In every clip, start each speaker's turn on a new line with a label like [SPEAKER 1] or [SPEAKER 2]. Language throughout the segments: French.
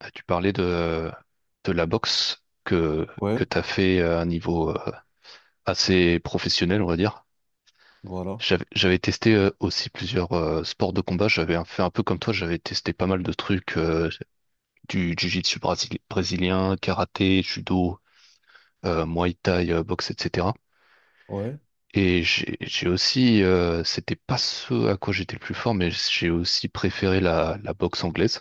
[SPEAKER 1] Ah, tu parlais de la boxe que,
[SPEAKER 2] Ouais,
[SPEAKER 1] que tu as fait à un niveau assez professionnel, on va dire.
[SPEAKER 2] voilà.
[SPEAKER 1] J'avais testé aussi plusieurs sports de combat. Fait un peu comme toi, j'avais testé pas mal de trucs, du jiu-jitsu brésilien, karaté, judo, muay thai, boxe, etc.
[SPEAKER 2] Ouais.
[SPEAKER 1] Et j'ai aussi, c'était pas ce à quoi j'étais le plus fort, mais j'ai aussi préféré la boxe anglaise.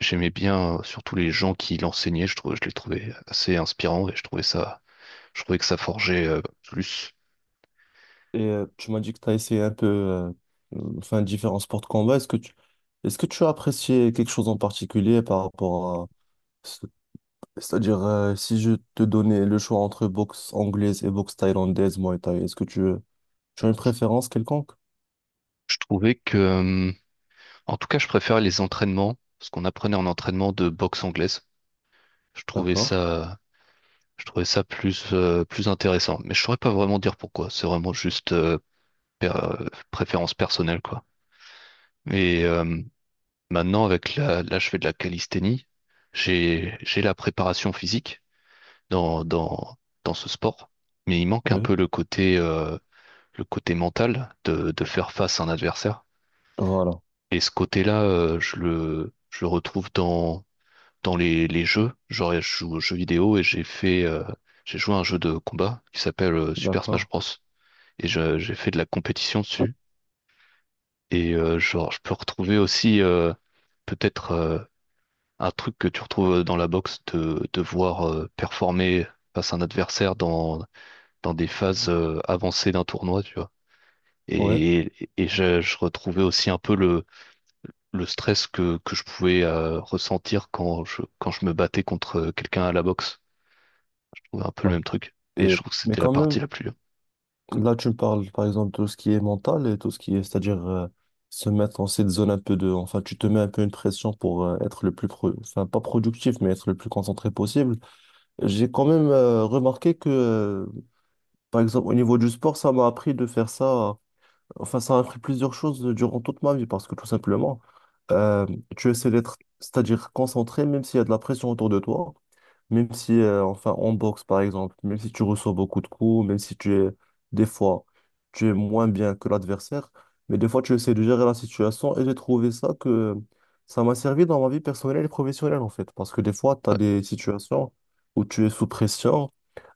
[SPEAKER 1] J'aimais bien surtout les gens qui l'enseignaient, je trouvais, je les trouvais assez inspirants et je trouvais que ça forgeait plus.
[SPEAKER 2] Et tu m'as dit que tu as essayé un peu enfin, différents sports de combat. Est-ce que tu as apprécié quelque chose en particulier par rapport à ce- c'est-à-dire si je te donnais le choix entre boxe anglaise et boxe thaïlandaise, Muay Thai, est-ce que tu tu as une préférence quelconque?
[SPEAKER 1] Je trouvais que, en tout cas, je préfère les entraînements, ce qu'on apprenait en entraînement de boxe anglaise. Je trouvais
[SPEAKER 2] D'accord.
[SPEAKER 1] ça, je trouvais ça plus intéressant. Mais je saurais pas vraiment dire pourquoi. C'est vraiment juste préférence personnelle, quoi. Et maintenant, avec là, je fais de la calisthénie. J'ai la préparation physique dans, dans, dans ce sport, mais il manque un
[SPEAKER 2] Oui.
[SPEAKER 1] peu le côté mental de faire face à un adversaire.
[SPEAKER 2] Voilà.
[SPEAKER 1] Et ce côté-là, je le retrouve dans les jeux. Genre, je joue aux jeux vidéo et j'ai joué à un jeu de combat qui s'appelle Super
[SPEAKER 2] D'accord.
[SPEAKER 1] Smash Bros. Et j'ai fait de la compétition dessus. Et genre, je peux retrouver aussi peut-être un truc que tu retrouves dans la boxe de voir performer face à un adversaire dans des phases avancées d'un tournoi, tu vois.
[SPEAKER 2] Ouais.
[SPEAKER 1] Je retrouvais aussi un peu le stress que je pouvais ressentir quand je me battais contre quelqu'un à la boxe. Je trouvais un peu le
[SPEAKER 2] Ouais.
[SPEAKER 1] même truc. Et
[SPEAKER 2] Et
[SPEAKER 1] je trouve que
[SPEAKER 2] mais
[SPEAKER 1] c'était la
[SPEAKER 2] quand même,
[SPEAKER 1] partie la plus dure.
[SPEAKER 2] là, tu me parles par exemple de tout ce qui est mental et tout ce qui est, c'est-à-dire se mettre dans cette zone un peu de, enfin, tu te mets un peu une pression pour être le plus, enfin, pas productif, mais être le plus concentré possible. J'ai quand même remarqué que, par exemple, au niveau du sport, ça m'a appris de faire ça, enfin, ça m'a appris plusieurs choses durant toute ma vie parce que tout simplement, euh, tu essaies d'être, c'est-à-dire concentré, même s'il y a de la pression autour de toi. Même si, enfin, en boxe, par exemple, même si tu reçois beaucoup de coups, même si tu es, des fois, tu es moins bien que l'adversaire, mais des fois, tu essaies de gérer la situation et j'ai trouvé ça que ça m'a servi dans ma vie personnelle et professionnelle, en fait. Parce que des fois, tu as
[SPEAKER 1] Ouais,
[SPEAKER 2] des situations où tu es sous pression,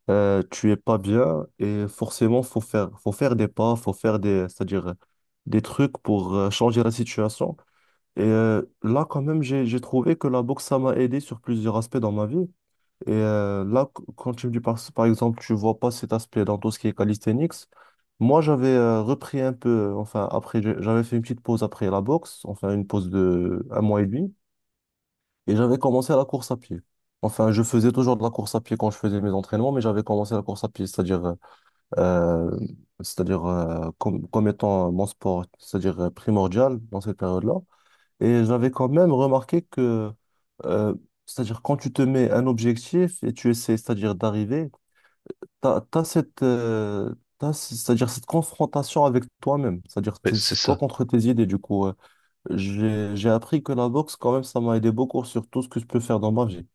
[SPEAKER 2] tu es pas bien et forcément, faut faire des pas, c'est-à-dire des trucs pour changer la situation. Et là, quand même, j'ai trouvé que la boxe, ça m'a aidé sur plusieurs aspects dans ma vie. Et là, quand tu me dis par exemple, tu vois pas cet aspect dans tout ce qui est calisthenics, moi j'avais repris un peu, enfin après, j'avais fait une petite pause après la boxe, enfin une pause de un mois et demi, et j'avais commencé à la course à pied. Enfin, je faisais toujours de la course à pied quand je faisais mes entraînements, mais j'avais commencé la course à pied, c'est-à-dire euh, comme étant mon sport, c'est-à-dire primordial dans cette période-là. Et j'avais quand même remarqué que, euh, c'est-à-dire quand tu te mets un objectif et tu essaies, c'est-à-dire d'arriver, t'as cette, c'est-à-dire cette confrontation avec toi-même, c'est-à-dire
[SPEAKER 1] ouais, c'est
[SPEAKER 2] c'est toi
[SPEAKER 1] ça.
[SPEAKER 2] contre tes idées. Du coup, j'ai appris que la boxe, quand même, ça m'a aidé beaucoup sur tout ce que je peux faire dans ma vie.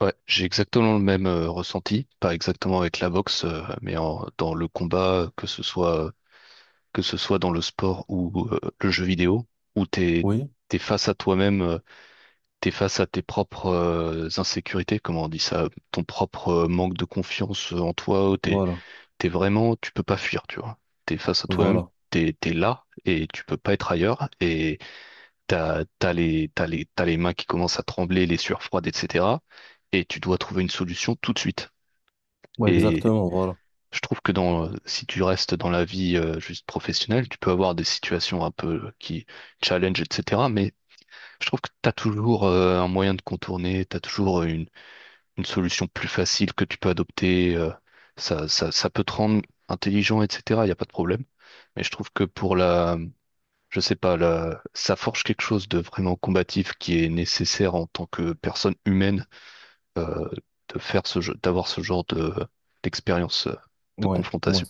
[SPEAKER 1] Ouais, j'ai exactement le même ressenti, pas exactement avec la boxe, mais dans le combat, que ce soit dans le sport ou le jeu vidéo, où t'es,
[SPEAKER 2] Oui,
[SPEAKER 1] t'es face à toi-même, t'es face à tes propres insécurités, comment on dit ça, ton propre manque de confiance en toi,
[SPEAKER 2] voilà,
[SPEAKER 1] t'es vraiment, tu peux pas fuir, tu vois. T'es face à toi-même,
[SPEAKER 2] voilà.
[SPEAKER 1] t'es là et tu peux pas être ailleurs. Et t'as les mains qui commencent à trembler, les sueurs froides, etc. Et tu dois trouver une solution tout de suite.
[SPEAKER 2] Ouais,
[SPEAKER 1] Et
[SPEAKER 2] exactement, voilà.
[SPEAKER 1] je trouve que si tu restes dans la vie juste professionnelle, tu peux avoir des situations un peu qui challenge, etc. Mais je trouve que t'as toujours un moyen de contourner, t'as toujours une solution plus facile que tu peux adopter. Ça peut te rendre intelligent, etc. Il n'y a pas de problème. Mais je trouve que pour je sais pas, ça forge quelque chose de vraiment combatif qui est nécessaire en tant que personne humaine euh, de faire ce jeu, d'avoir ce genre de d'expérience de
[SPEAKER 2] Ouais, ouais,
[SPEAKER 1] confrontation.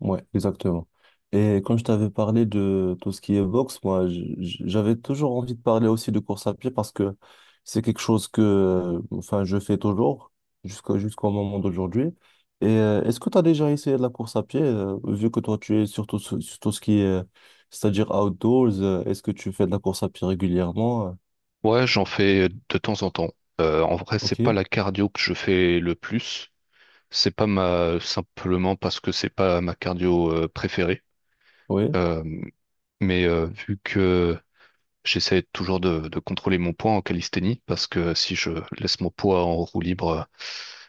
[SPEAKER 2] ouais, exactement. Et quand je t'avais parlé de tout ce qui est boxe, moi, j'avais toujours envie de parler aussi de course à pied parce que c'est quelque chose que, enfin, je fais toujours jusqu'au moment d'aujourd'hui. Et est-ce que tu as déjà essayé de la course à pied, vu que toi, tu es surtout sur tout ce qui est, c'est-à-dire outdoors, est-ce que tu fais de la course à pied régulièrement?
[SPEAKER 1] Ouais, j'en fais de temps en temps. En vrai, c'est
[SPEAKER 2] Ok,
[SPEAKER 1] pas la cardio que je fais le plus. C'est pas ma Simplement parce que c'est pas ma cardio préférée.
[SPEAKER 2] oui,
[SPEAKER 1] Euh, mais vu que j'essaie toujours de contrôler mon poids en calisthénie, parce que si je laisse mon poids en roue libre,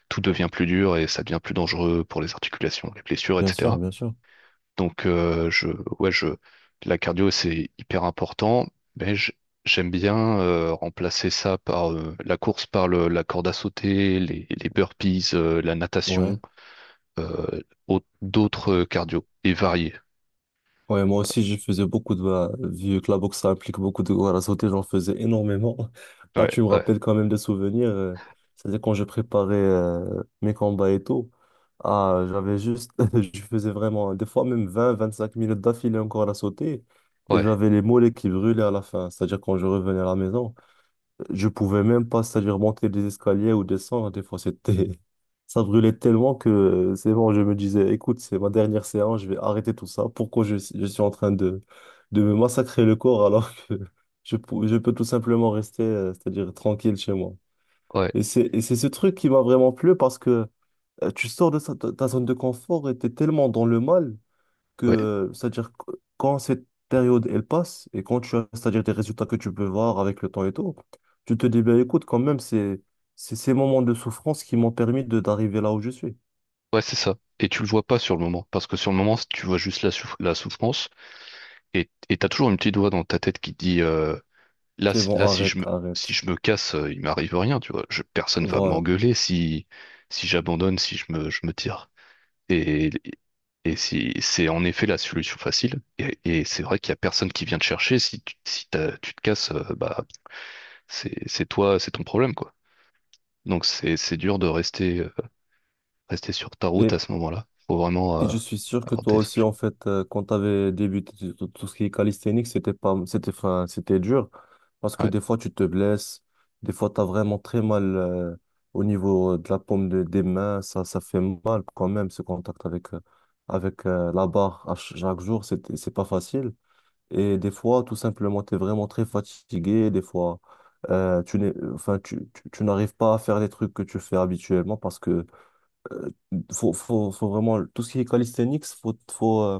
[SPEAKER 1] tout devient plus dur et ça devient plus dangereux pour les articulations, les blessures,
[SPEAKER 2] bien sûr,
[SPEAKER 1] etc.
[SPEAKER 2] bien sûr.
[SPEAKER 1] Donc ouais, la cardio c'est hyper important, mais j'aime bien remplacer ça par la course, par la corde à sauter, les burpees, la
[SPEAKER 2] Ouais.
[SPEAKER 1] natation, d'autres cardio et variés.
[SPEAKER 2] Ouais, moi aussi, je faisais beaucoup de... bah, vu que la boxe, ça implique beaucoup de à sauter, j'en faisais énormément. Là,
[SPEAKER 1] Ouais,
[SPEAKER 2] tu me
[SPEAKER 1] ouais,
[SPEAKER 2] rappelles quand même des souvenirs. C'est-à-dire quand je préparais mes combats et tout, ah, j'avais juste... je faisais vraiment, des fois même 25 minutes d'affilée encore à la sauter. Et
[SPEAKER 1] ouais,
[SPEAKER 2] j'avais les mollets qui brûlaient à la fin. C'est-à-dire quand je revenais à la maison, je pouvais même pas, c'est-à-dire monter des escaliers ou descendre. Des fois, c'était, ça brûlait tellement que c'est bon, je me disais, écoute, c'est ma dernière séance, je vais arrêter tout ça. Pourquoi je suis en train de, me massacrer le corps alors que je, je peux tout simplement rester, c'est-à-dire tranquille chez moi.
[SPEAKER 1] ouais.
[SPEAKER 2] Et c'est ce truc qui m'a vraiment plu parce que tu sors de ta zone de confort et t'es tellement dans le mal
[SPEAKER 1] Ouais.
[SPEAKER 2] que, c'est-à-dire que quand cette période elle passe et quand tu as, c'est-à-dire des résultats que tu peux voir avec le temps et tout, tu te dis, ben écoute, quand même, c'est ces moments de souffrance qui m'ont permis de d'arriver là où je suis.
[SPEAKER 1] Ouais, c'est ça. Et tu le vois pas sur le moment, parce que sur le moment, tu vois juste la souffrance, et t'as toujours une petite voix dans ta tête qui te dit
[SPEAKER 2] C'est bon,
[SPEAKER 1] là,
[SPEAKER 2] arrête,
[SPEAKER 1] si
[SPEAKER 2] arrête.
[SPEAKER 1] je me casse, il m'arrive rien, tu vois. Personne va
[SPEAKER 2] Voilà.
[SPEAKER 1] m'engueuler si j'abandonne, si je me tire. Et, et si c'est en effet la solution facile, et c'est vrai qu'il y a personne qui vient te chercher. Si tu te casses, bah c'est toi, c'est ton problème, quoi. Donc c'est dur de rester sur ta route à
[SPEAKER 2] et
[SPEAKER 1] ce moment-là. Faut vraiment
[SPEAKER 2] Et je suis sûr que
[SPEAKER 1] avoir
[SPEAKER 2] toi
[SPEAKER 1] des
[SPEAKER 2] aussi,
[SPEAKER 1] objectifs.
[SPEAKER 2] en fait, quand tu avais débuté tout, tout ce qui est calisthénique, c'était pas, c'était, enfin, c'était dur parce que des fois, tu te blesses, des fois, tu as vraiment très mal au niveau de la paume des mains. Ça fait mal quand même, ce contact avec, avec la barre à chaque jour, c'est pas facile. Et des fois, tout simplement, tu es vraiment très fatigué. Des fois, tu n'es, enfin, tu n'arrives pas à faire les trucs que tu fais habituellement parce que faut vraiment, tout ce qui est calisthenics,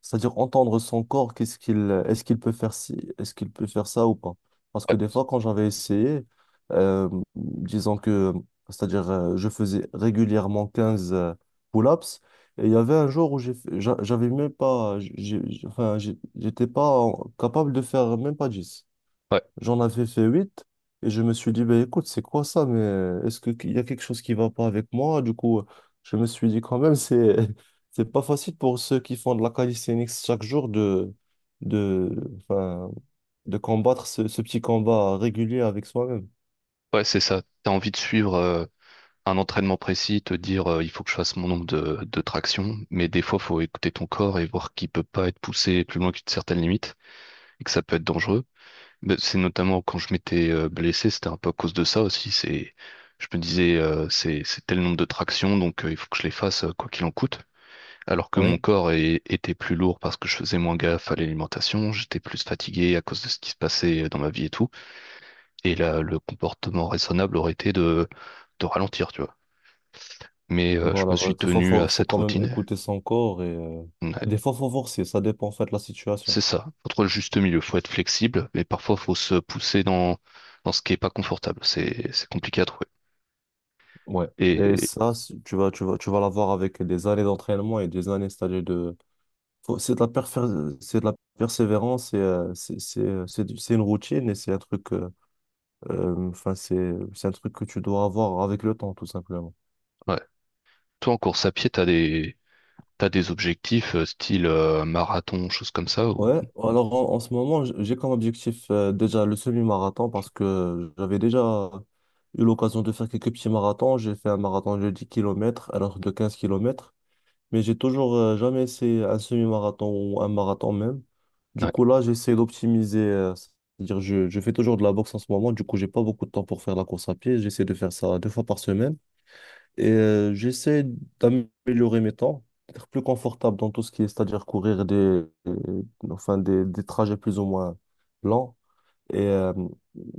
[SPEAKER 2] c'est-à-dire entendre son corps, qu'est-ce qu'il, est-ce qu'il peut faire ci, est-ce qu'il peut faire ça ou pas. Parce que des
[SPEAKER 1] Ouais,
[SPEAKER 2] fois, quand j'avais essayé, euh, disons que, c'est-à-dire, je faisais régulièrement 15 pull-ups, et il y avait un jour où j'avais même pas, enfin, j'étais pas capable de faire même pas dix.
[SPEAKER 1] ouais,
[SPEAKER 2] J'en avais fait 8 et je me suis dit, ben écoute, c'est quoi ça? Mais qu'il y a quelque chose qui va pas avec moi? Du coup, je me suis dit quand même, c'est c'est pas facile pour ceux qui font de la calisthenics chaque jour de, enfin, de combattre ce petit combat régulier avec soi-même.
[SPEAKER 1] ouais, c'est ça. T'as envie de suivre un entraînement précis, te dire il faut que je fasse mon nombre de tractions, mais des fois, faut écouter ton corps et voir qu'il peut pas être poussé plus loin qu'une certaine limite et que ça peut être dangereux. Mais c'est notamment quand je m'étais blessé, c'était un peu à cause de ça aussi. Je me disais c'est tel nombre de tractions, donc il faut que je les fasse quoi qu'il en coûte. Alors que mon
[SPEAKER 2] Oui.
[SPEAKER 1] corps était plus lourd parce que je faisais moins gaffe à l'alimentation, j'étais plus fatigué à cause de ce qui se passait dans ma vie et tout. Et là, le comportement raisonnable aurait été de ralentir, tu vois. Mais je me
[SPEAKER 2] Voilà, bah,
[SPEAKER 1] suis
[SPEAKER 2] des fois,
[SPEAKER 1] tenu à
[SPEAKER 2] faut
[SPEAKER 1] cette
[SPEAKER 2] quand même
[SPEAKER 1] routine.
[SPEAKER 2] écouter son corps et
[SPEAKER 1] Ouais,
[SPEAKER 2] des fois, faut forcer. Ça dépend en fait de la situation.
[SPEAKER 1] c'est ça. Faut trouver le juste milieu. Faut être flexible, mais parfois faut se pousser dans ce qui est pas confortable. C'est compliqué à trouver.
[SPEAKER 2] Ouais. Et
[SPEAKER 1] Et
[SPEAKER 2] ça, tu vas, tu vas l'avoir avec des années d'entraînement et des années, c'est-à-dire de. C'est de la persévérance et c'est une routine et c'est un truc enfin c'est un truc que tu dois avoir avec le temps tout simplement.
[SPEAKER 1] ouais. Toi, en course à pied, t'as des objectifs style marathon, choses comme ça, ou.
[SPEAKER 2] Ouais, alors en ce moment, j'ai comme objectif déjà le semi-marathon parce que j'avais déjà eu l'occasion de faire quelques petits marathons, j'ai fait un marathon de 10 kilomètres, un autre de 15 kilomètres, mais j'ai toujours jamais essayé un semi-marathon ou un marathon même. Du
[SPEAKER 1] Ouais,
[SPEAKER 2] coup, là, j'essaie d'optimiser, c'est-à-dire je fais toujours de la boxe en ce moment, du coup, j'ai pas beaucoup de temps pour faire la course à pied. J'essaie de faire ça deux fois par semaine et j'essaie d'améliorer mes temps, d'être plus confortable dans tout ce qui est, c'est-à-dire courir des, euh, enfin, des, trajets plus ou moins lents. Et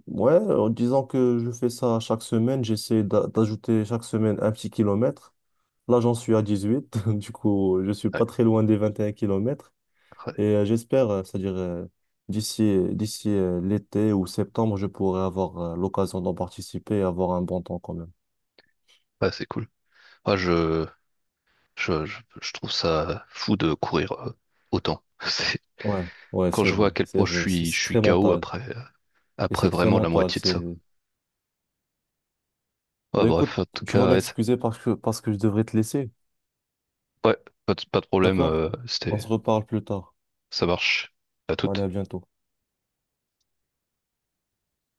[SPEAKER 2] ouais, en disant que je fais ça chaque semaine, j'essaie d'ajouter chaque semaine un petit kilomètre. Là, j'en suis à 18, du coup, je suis
[SPEAKER 1] ouais,
[SPEAKER 2] pas très loin des 21 kilomètres
[SPEAKER 1] ouais,
[SPEAKER 2] et j'espère, c'est-à-dire d'ici l'été ou septembre, je pourrai avoir l'occasion d'en participer et avoir un bon temps quand même.
[SPEAKER 1] ouais, c'est cool. Moi, je trouve ça fou de courir autant.
[SPEAKER 2] Ouais, ouais,
[SPEAKER 1] Quand
[SPEAKER 2] c'est
[SPEAKER 1] je vois
[SPEAKER 2] vrai,
[SPEAKER 1] à quel
[SPEAKER 2] c'est
[SPEAKER 1] point je
[SPEAKER 2] vrai, c'est
[SPEAKER 1] suis, je
[SPEAKER 2] c'est
[SPEAKER 1] suis
[SPEAKER 2] très
[SPEAKER 1] KO
[SPEAKER 2] mental
[SPEAKER 1] après. euh,
[SPEAKER 2] et
[SPEAKER 1] après
[SPEAKER 2] c'est très
[SPEAKER 1] vraiment la
[SPEAKER 2] mental,
[SPEAKER 1] moitié de
[SPEAKER 2] c'est
[SPEAKER 1] ça. Ouais,
[SPEAKER 2] Bah écoute,
[SPEAKER 1] bref, en tout
[SPEAKER 2] tu vas
[SPEAKER 1] cas, ouais,
[SPEAKER 2] m'excuser parce que je devrais te laisser,
[SPEAKER 1] ouais, pas de problème,
[SPEAKER 2] d'accord? On se reparle plus tard.
[SPEAKER 1] ça marche. À
[SPEAKER 2] Allez,
[SPEAKER 1] toute.
[SPEAKER 2] à bientôt.